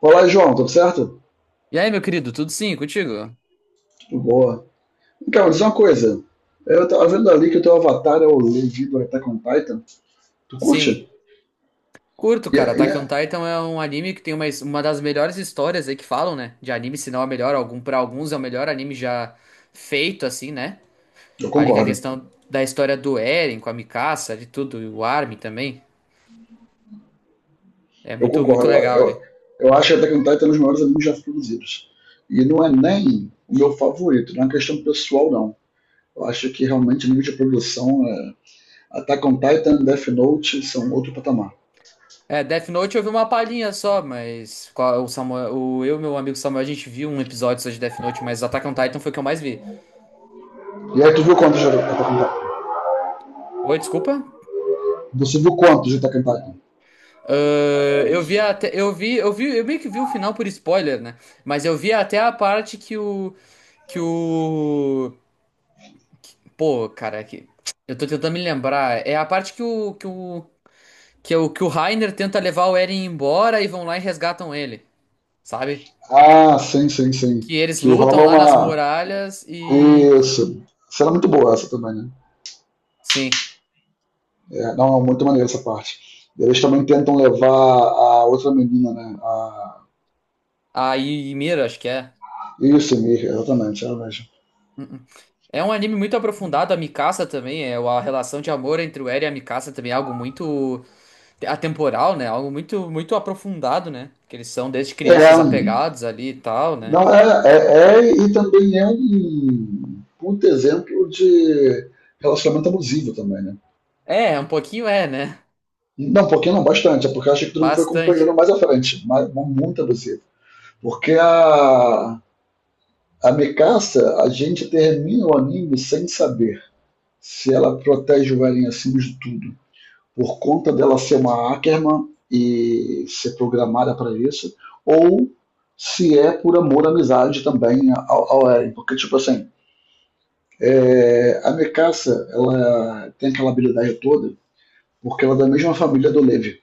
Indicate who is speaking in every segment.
Speaker 1: Olá, João, tudo certo?
Speaker 2: E aí, meu querido, tudo sim contigo?
Speaker 1: Tudo boa. Então, diz uma coisa. Eu tava vendo ali que o teu avatar é o Levi do Attack on Titan. Tu
Speaker 2: Sim.
Speaker 1: curte?
Speaker 2: Curto,
Speaker 1: E
Speaker 2: cara.
Speaker 1: é- e
Speaker 2: Attack on
Speaker 1: é-
Speaker 2: Titan é um anime que tem uma das melhores histórias aí que falam, né? De anime, se não é o melhor, algum, para alguns é o melhor anime já feito, assim, né?
Speaker 1: Eu
Speaker 2: Ali com a
Speaker 1: concordo.
Speaker 2: questão da história do Eren, com a Mikasa, de tudo, e o Armin também. É
Speaker 1: Eu
Speaker 2: muito, muito
Speaker 1: concordo. Eu,
Speaker 2: legal
Speaker 1: eu,
Speaker 2: ali.
Speaker 1: eu acho que Attack on Titan é um dos maiores animes já produzidos. E não é nem o meu favorito, não é uma questão pessoal, não. Eu acho que realmente o nível de produção é. Attack on Titan, Death Note são outro patamar.
Speaker 2: É, Death Note eu vi uma palhinha só, mas o Samuel, eu e meu amigo Samuel, a gente viu um episódio só de Death Note, mas Attack on Titan foi o que eu mais vi.
Speaker 1: E aí, tu viu quantos de Attack on Titan?
Speaker 2: Oi, desculpa?
Speaker 1: Você viu quantos de Attack on Titan?
Speaker 2: Ah, eu meio que vi o final por spoiler, né? Mas eu vi até a parte que o, pô, cara, que, eu tô tentando me lembrar. É a parte que é o, que o Reiner tenta levar o Eren embora e vão lá e resgatam ele, sabe?
Speaker 1: Ah, sim, sim, sim.
Speaker 2: Que eles
Speaker 1: Que
Speaker 2: lutam
Speaker 1: rola
Speaker 2: lá nas
Speaker 1: uma
Speaker 2: muralhas e,
Speaker 1: isso. Será muito boa essa também, né?
Speaker 2: sim,
Speaker 1: É, não, é muito maneira essa parte. Eles também tentam levar a outra menina, né? A...
Speaker 2: a Mira, acho que é.
Speaker 1: Isso, Mir, exatamente, é ela mesmo.
Speaker 2: uh É um anime muito aprofundado, a Mikasa também, é a relação de amor entre o Eren e a Mikasa também é algo muito atemporal, né? Algo muito muito aprofundado, né? Que eles são desde
Speaker 1: É,
Speaker 2: crianças apegados ali e tal, né?
Speaker 1: não, é, é, é, e também é um puto exemplo de relacionamento abusivo também, né?
Speaker 2: É, um pouquinho é, né?
Speaker 1: Não, um pouquinho não, bastante. É porque eu acho que todo mundo foi
Speaker 2: Bastante.
Speaker 1: acompanhando mais à frente, mas muito abusivo. Porque a Mikasa, a gente termina o anime sem saber se ela protege o galinho acima de tudo, por conta dela ser uma Ackerman e ser programada para isso, ou se é por amor, amizade também ao Eren. Porque, tipo assim, é, a Mekassa, ela tem aquela habilidade toda, porque ela é da mesma família do Levi.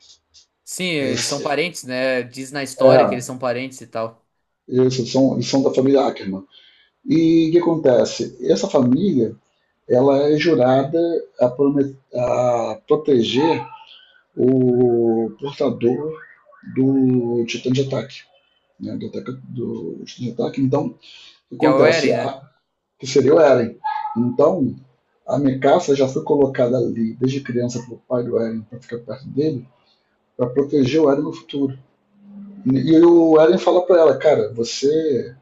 Speaker 2: Sim,
Speaker 1: Eles,
Speaker 2: eles são parentes, né? Diz na história que eles
Speaker 1: é,
Speaker 2: são parentes e tal.
Speaker 1: eles são da família Ackerman. E o que acontece? Essa família, ela é jurada a, a proteger o portador do titã de ataque. Né, do, ataque do titã de ataque. Então, o que
Speaker 2: Que é o
Speaker 1: acontece?
Speaker 2: Eren, né?
Speaker 1: A, que seria o Eren. Então, a Mikaça já foi colocada ali desde criança pelo pai do Eren para ficar perto dele, para proteger o Eren no futuro. E o Eren fala para ela, cara, você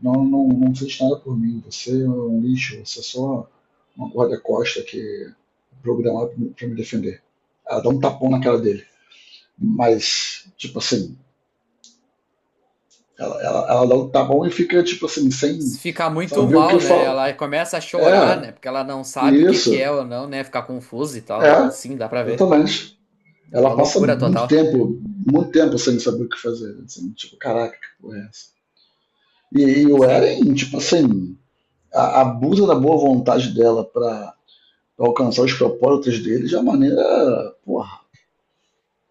Speaker 1: não fez nada por mim, você é um lixo, você é só uma corda costa que é programada para me defender. Ela dá um tapão na cara dele. Mas, tipo assim, Ela dá um tá bom e fica, tipo assim, sem
Speaker 2: Se ficar muito
Speaker 1: saber o que eu
Speaker 2: mal, né?
Speaker 1: falo.
Speaker 2: Ela começa a chorar,
Speaker 1: É,
Speaker 2: né? Porque ela não sabe o que que é
Speaker 1: isso.
Speaker 2: ou não, né? Ficar confusa e tal. Eu,
Speaker 1: É,
Speaker 2: sim, dá pra ver.
Speaker 1: exatamente.
Speaker 2: É uma
Speaker 1: Ela passa
Speaker 2: loucura total.
Speaker 1: muito tempo sem saber o que fazer. Assim, tipo, caraca, que porra é essa? E o
Speaker 2: Sim,
Speaker 1: Eren, tipo assim, a, abusa da boa vontade dela pra, alcançar os propósitos dele de uma maneira, porra,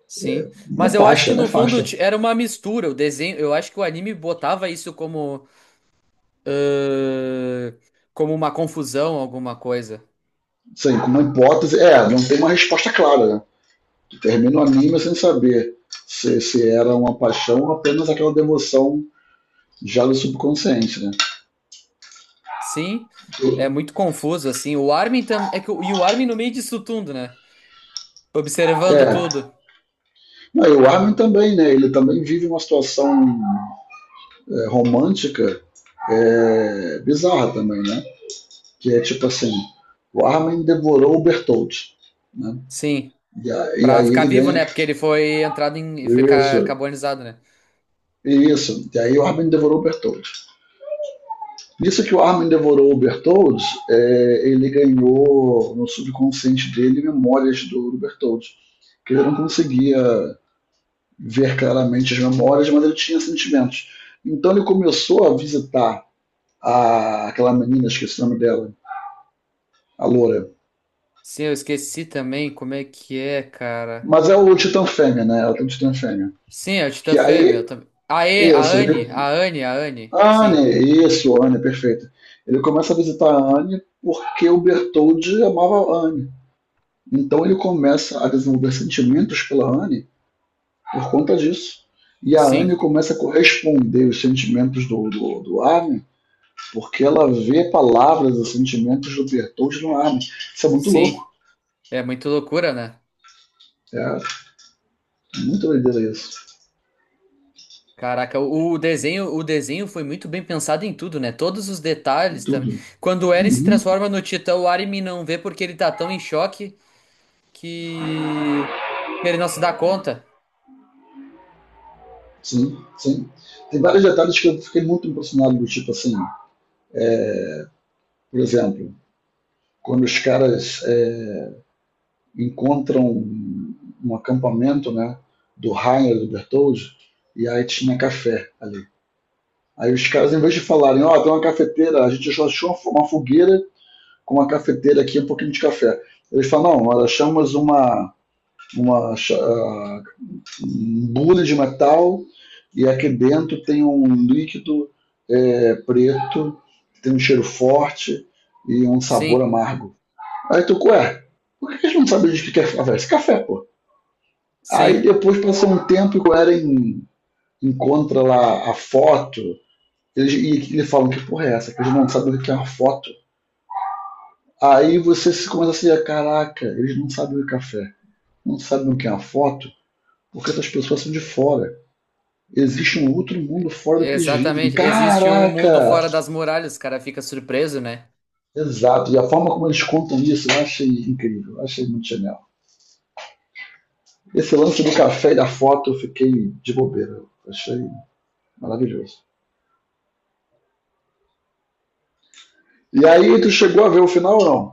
Speaker 2: sim. Mas eu acho
Speaker 1: nefasta,
Speaker 2: que no
Speaker 1: nefasta.
Speaker 2: fundo era uma mistura. O desenho, eu acho que o anime botava isso como eh, como uma confusão, alguma coisa.
Speaker 1: Sim, com uma hipótese. É, não tem uma resposta clara, né? Termina o anime sem saber se era uma paixão ou apenas aquela devoção já do subconsciente, né?
Speaker 2: Sim, é muito confuso, assim. O Armin também. É que, e o Armin no meio disso tudo, né? Observando
Speaker 1: É.
Speaker 2: tudo.
Speaker 1: Não, e o Armin também, né? Ele também vive uma situação é, romântica é, bizarra também, né? Que é tipo assim, o Armin devorou o Bertolt, né?
Speaker 2: Sim.
Speaker 1: E, e
Speaker 2: Pra
Speaker 1: aí
Speaker 2: ficar
Speaker 1: ele
Speaker 2: vivo,
Speaker 1: ganha
Speaker 2: né?
Speaker 1: isso,
Speaker 2: Porque ele foi entrado em. Ficar carbonizado, né?
Speaker 1: isso. E aí o Armin devorou o Bertolt. Nisso que o Armin devorou o Bertolds, é, ele ganhou no subconsciente dele memórias do Bertolds, que ele não conseguia ver claramente as memórias, mas ele tinha sentimentos. Então ele começou a visitar a, aquela menina, esqueci o nome dela, a loura.
Speaker 2: Sim, eu esqueci também como é que é, cara.
Speaker 1: Mas é o Titã Fêmea, né? Ela tem o Titã Fêmea.
Speaker 2: Sim, é o Titã
Speaker 1: Que
Speaker 2: Fêmea.
Speaker 1: aí,
Speaker 2: Também. A, e,
Speaker 1: isso, ele,
Speaker 2: A Anne. Sim.
Speaker 1: Anne, isso, Anne, perfeito. Ele começa a visitar a Anne porque o Bertoldi amava a Anne. Então ele começa a desenvolver sentimentos pela Anne por conta disso. E a
Speaker 2: Sim,
Speaker 1: Anne começa a corresponder os sentimentos do Armin, porque ela vê palavras e sentimentos do Bertold no Armin. Isso é muito louco.
Speaker 2: sim. É muito loucura, né?
Speaker 1: É muito doideira isso.
Speaker 2: Caraca, o desenho, o desenho foi muito bem pensado em tudo, né? Todos os detalhes também.
Speaker 1: Tudo.
Speaker 2: Quando o Eren se
Speaker 1: Uhum.
Speaker 2: transforma no Titã, o Armin não vê porque ele tá tão em choque que que ele não se dá conta.
Speaker 1: Sim, sim. Tem vários detalhes que eu fiquei muito impressionado, do tipo assim, por exemplo, quando os caras é, encontram um, um acampamento, né, do Rainer, do Bertoldi, e aí tinha café ali. Aí os caras, em vez de falarem, ó, tem uma cafeteira, a gente achou uma fogueira com uma cafeteira aqui, um pouquinho de café. Eles falam, não, nós achamos uma, uma uh, um bule de metal e aqui dentro tem um líquido é, preto, tem um cheiro forte e um sabor
Speaker 2: Sim,
Speaker 1: amargo. Aí tu, ué, por que a gente não sabe o que é café? Esse café, pô. Aí
Speaker 2: sim,
Speaker 1: depois passou um tempo e o Eren encontra lá a foto. Eles, e eles falam que porra é essa? Que eles não sabem o que é uma foto. Aí você se começa a se dizer, caraca, eles não sabem o que é café. Não sabem o que é uma foto, porque essas pessoas são de fora. Existe um outro mundo fora do que eles vivem.
Speaker 2: exatamente. Existe o mundo
Speaker 1: Caraca!
Speaker 2: fora das muralhas, o cara fica surpreso, né?
Speaker 1: Exato. E a forma como eles contam isso, eu achei incrível. Eu achei muito genial. Esse lance do café e da foto, eu fiquei de bobeira. Eu achei maravilhoso. E aí, tu chegou a ver o final ou não?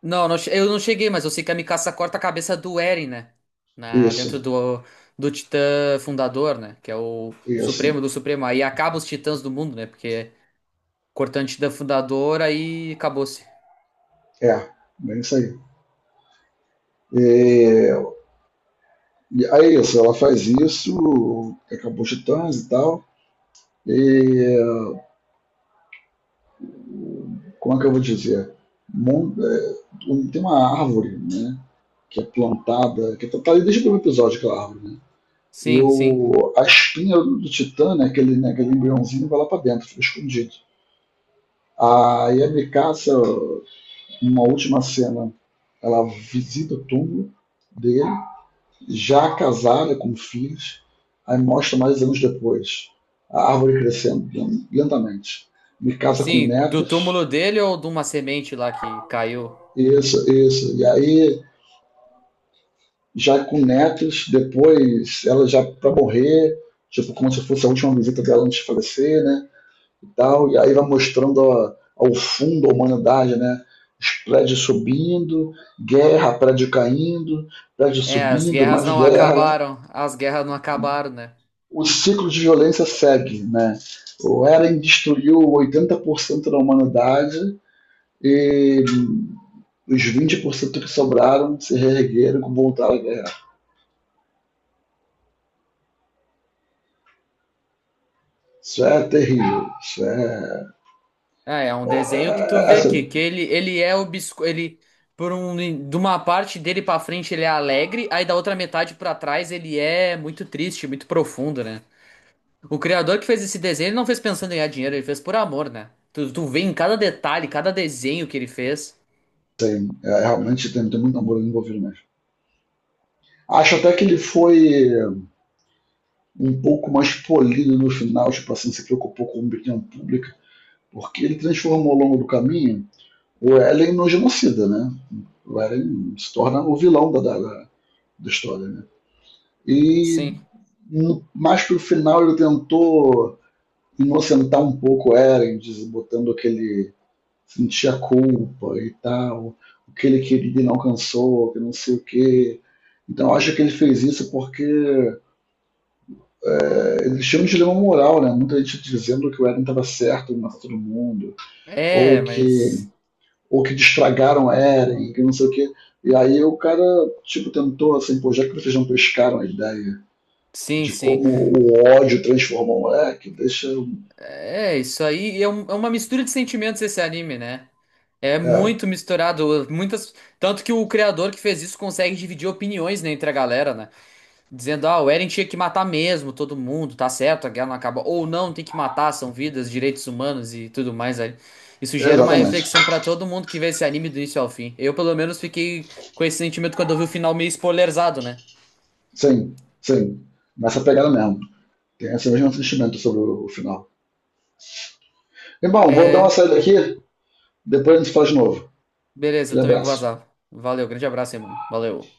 Speaker 2: Não, eu não cheguei, mas eu sei que a Mikasa corta a cabeça do Eren, né?
Speaker 1: Isso,
Speaker 2: Dentro do, do Titã Fundador, né? Que é o
Speaker 1: isso.
Speaker 2: Supremo do Supremo. Aí acaba os Titãs do mundo, né? Porque cortante da fundadora e acabou-se.
Speaker 1: É, bem isso aí. E aí é isso, ela faz isso, acabou os titãs e tal. E como é que eu vou dizer? Tem uma árvore, né? Que é plantada, que tá ali desde o primeiro episódio, aquela árvore, né? E
Speaker 2: Sim, sim.
Speaker 1: o, a espinha do Titã, né, aquele embriãozinho, vai lá pra dentro, fica escondido. Aí a Mikasa, numa última cena, ela visita o túmulo dele já casada, com filhos, aí mostra mais anos depois, a árvore crescendo lentamente. Me casa com
Speaker 2: Sim, do
Speaker 1: netos,
Speaker 2: túmulo dele ou de uma semente lá que caiu?
Speaker 1: isso, isso. E aí, já com netos, depois ela já para morrer, tipo, como se fosse a última visita dela antes de falecer, né? E, tal, e aí vai mostrando a, ao fundo a humanidade, né? Os prédios subindo, guerra, prédio caindo, prédio
Speaker 2: É, as
Speaker 1: subindo,
Speaker 2: guerras
Speaker 1: mais
Speaker 2: não
Speaker 1: guerra, né?
Speaker 2: acabaram. As guerras não acabaram, né?
Speaker 1: O ciclo de violência segue, né? O Eren destruiu 80% da humanidade e os 20% que sobraram se reergueram e voltaram à guerra. Isso é terrível. Isso é,
Speaker 2: É, é um desenho que tu
Speaker 1: é, é
Speaker 2: vê que
Speaker 1: assim,
Speaker 2: que ele, ele é obscuro, ele por um de uma parte dele pra frente ele é alegre, aí da outra metade pra trás ele é muito triste, muito profundo, né? O criador que fez esse desenho, ele não fez pensando em ganhar dinheiro, ele fez por amor, né? Tu, tu vê em cada detalhe, cada desenho que ele fez.
Speaker 1: é realmente tem, tem muito amor envolvido mesmo. Acho até que ele foi um pouco mais polido no final, tipo assim, se preocupou com a opinião pública, porque ele transformou ao longo do caminho o Ellen no genocida, né? O Ellen se torna o vilão da história, né? E
Speaker 2: Sim.
Speaker 1: no, mais pro final ele tentou inocentar um pouco Eren, botando aquele sentir a culpa e tal, o que ele queria e não alcançou, que não sei o que. Então eu acho que ele fez isso porque é, ele tinha um dilema moral, né? Muita gente dizendo que o Eren estava certo em todo mundo,
Speaker 2: É,
Speaker 1: ou que
Speaker 2: mas
Speaker 1: ou que destragaram o Eren, que não sei o que. E aí o cara tipo tentou assim, pô, já que vocês não pescaram a ideia
Speaker 2: sim,
Speaker 1: de
Speaker 2: sim.
Speaker 1: como o ódio transforma o moleque, deixa o
Speaker 2: É, isso aí é, é uma mistura de sentimentos esse anime, né? É
Speaker 1: é,
Speaker 2: muito misturado, muitas, tanto que o criador que fez isso consegue dividir opiniões, né, entre a galera, né? Dizendo, ah, o Eren tinha que matar mesmo todo mundo, tá certo, a guerra não acaba, ou não, tem que matar, são vidas, direitos humanos e tudo mais aí. Isso gera uma
Speaker 1: exatamente.
Speaker 2: reflexão pra todo mundo que vê esse anime do início ao fim. Eu, pelo menos, fiquei com esse sentimento quando eu vi o final meio spoilerzado, né?
Speaker 1: Sim, sim. Nessa pegada mesmo. Tem esse mesmo sentimento sobre o final. E bom, vou dar uma
Speaker 2: É,
Speaker 1: saída aqui, depois a gente fala de novo.
Speaker 2: beleza, eu
Speaker 1: Aquele
Speaker 2: também vou
Speaker 1: abraço.
Speaker 2: vazar. Valeu, grande abraço aí, mano. Valeu.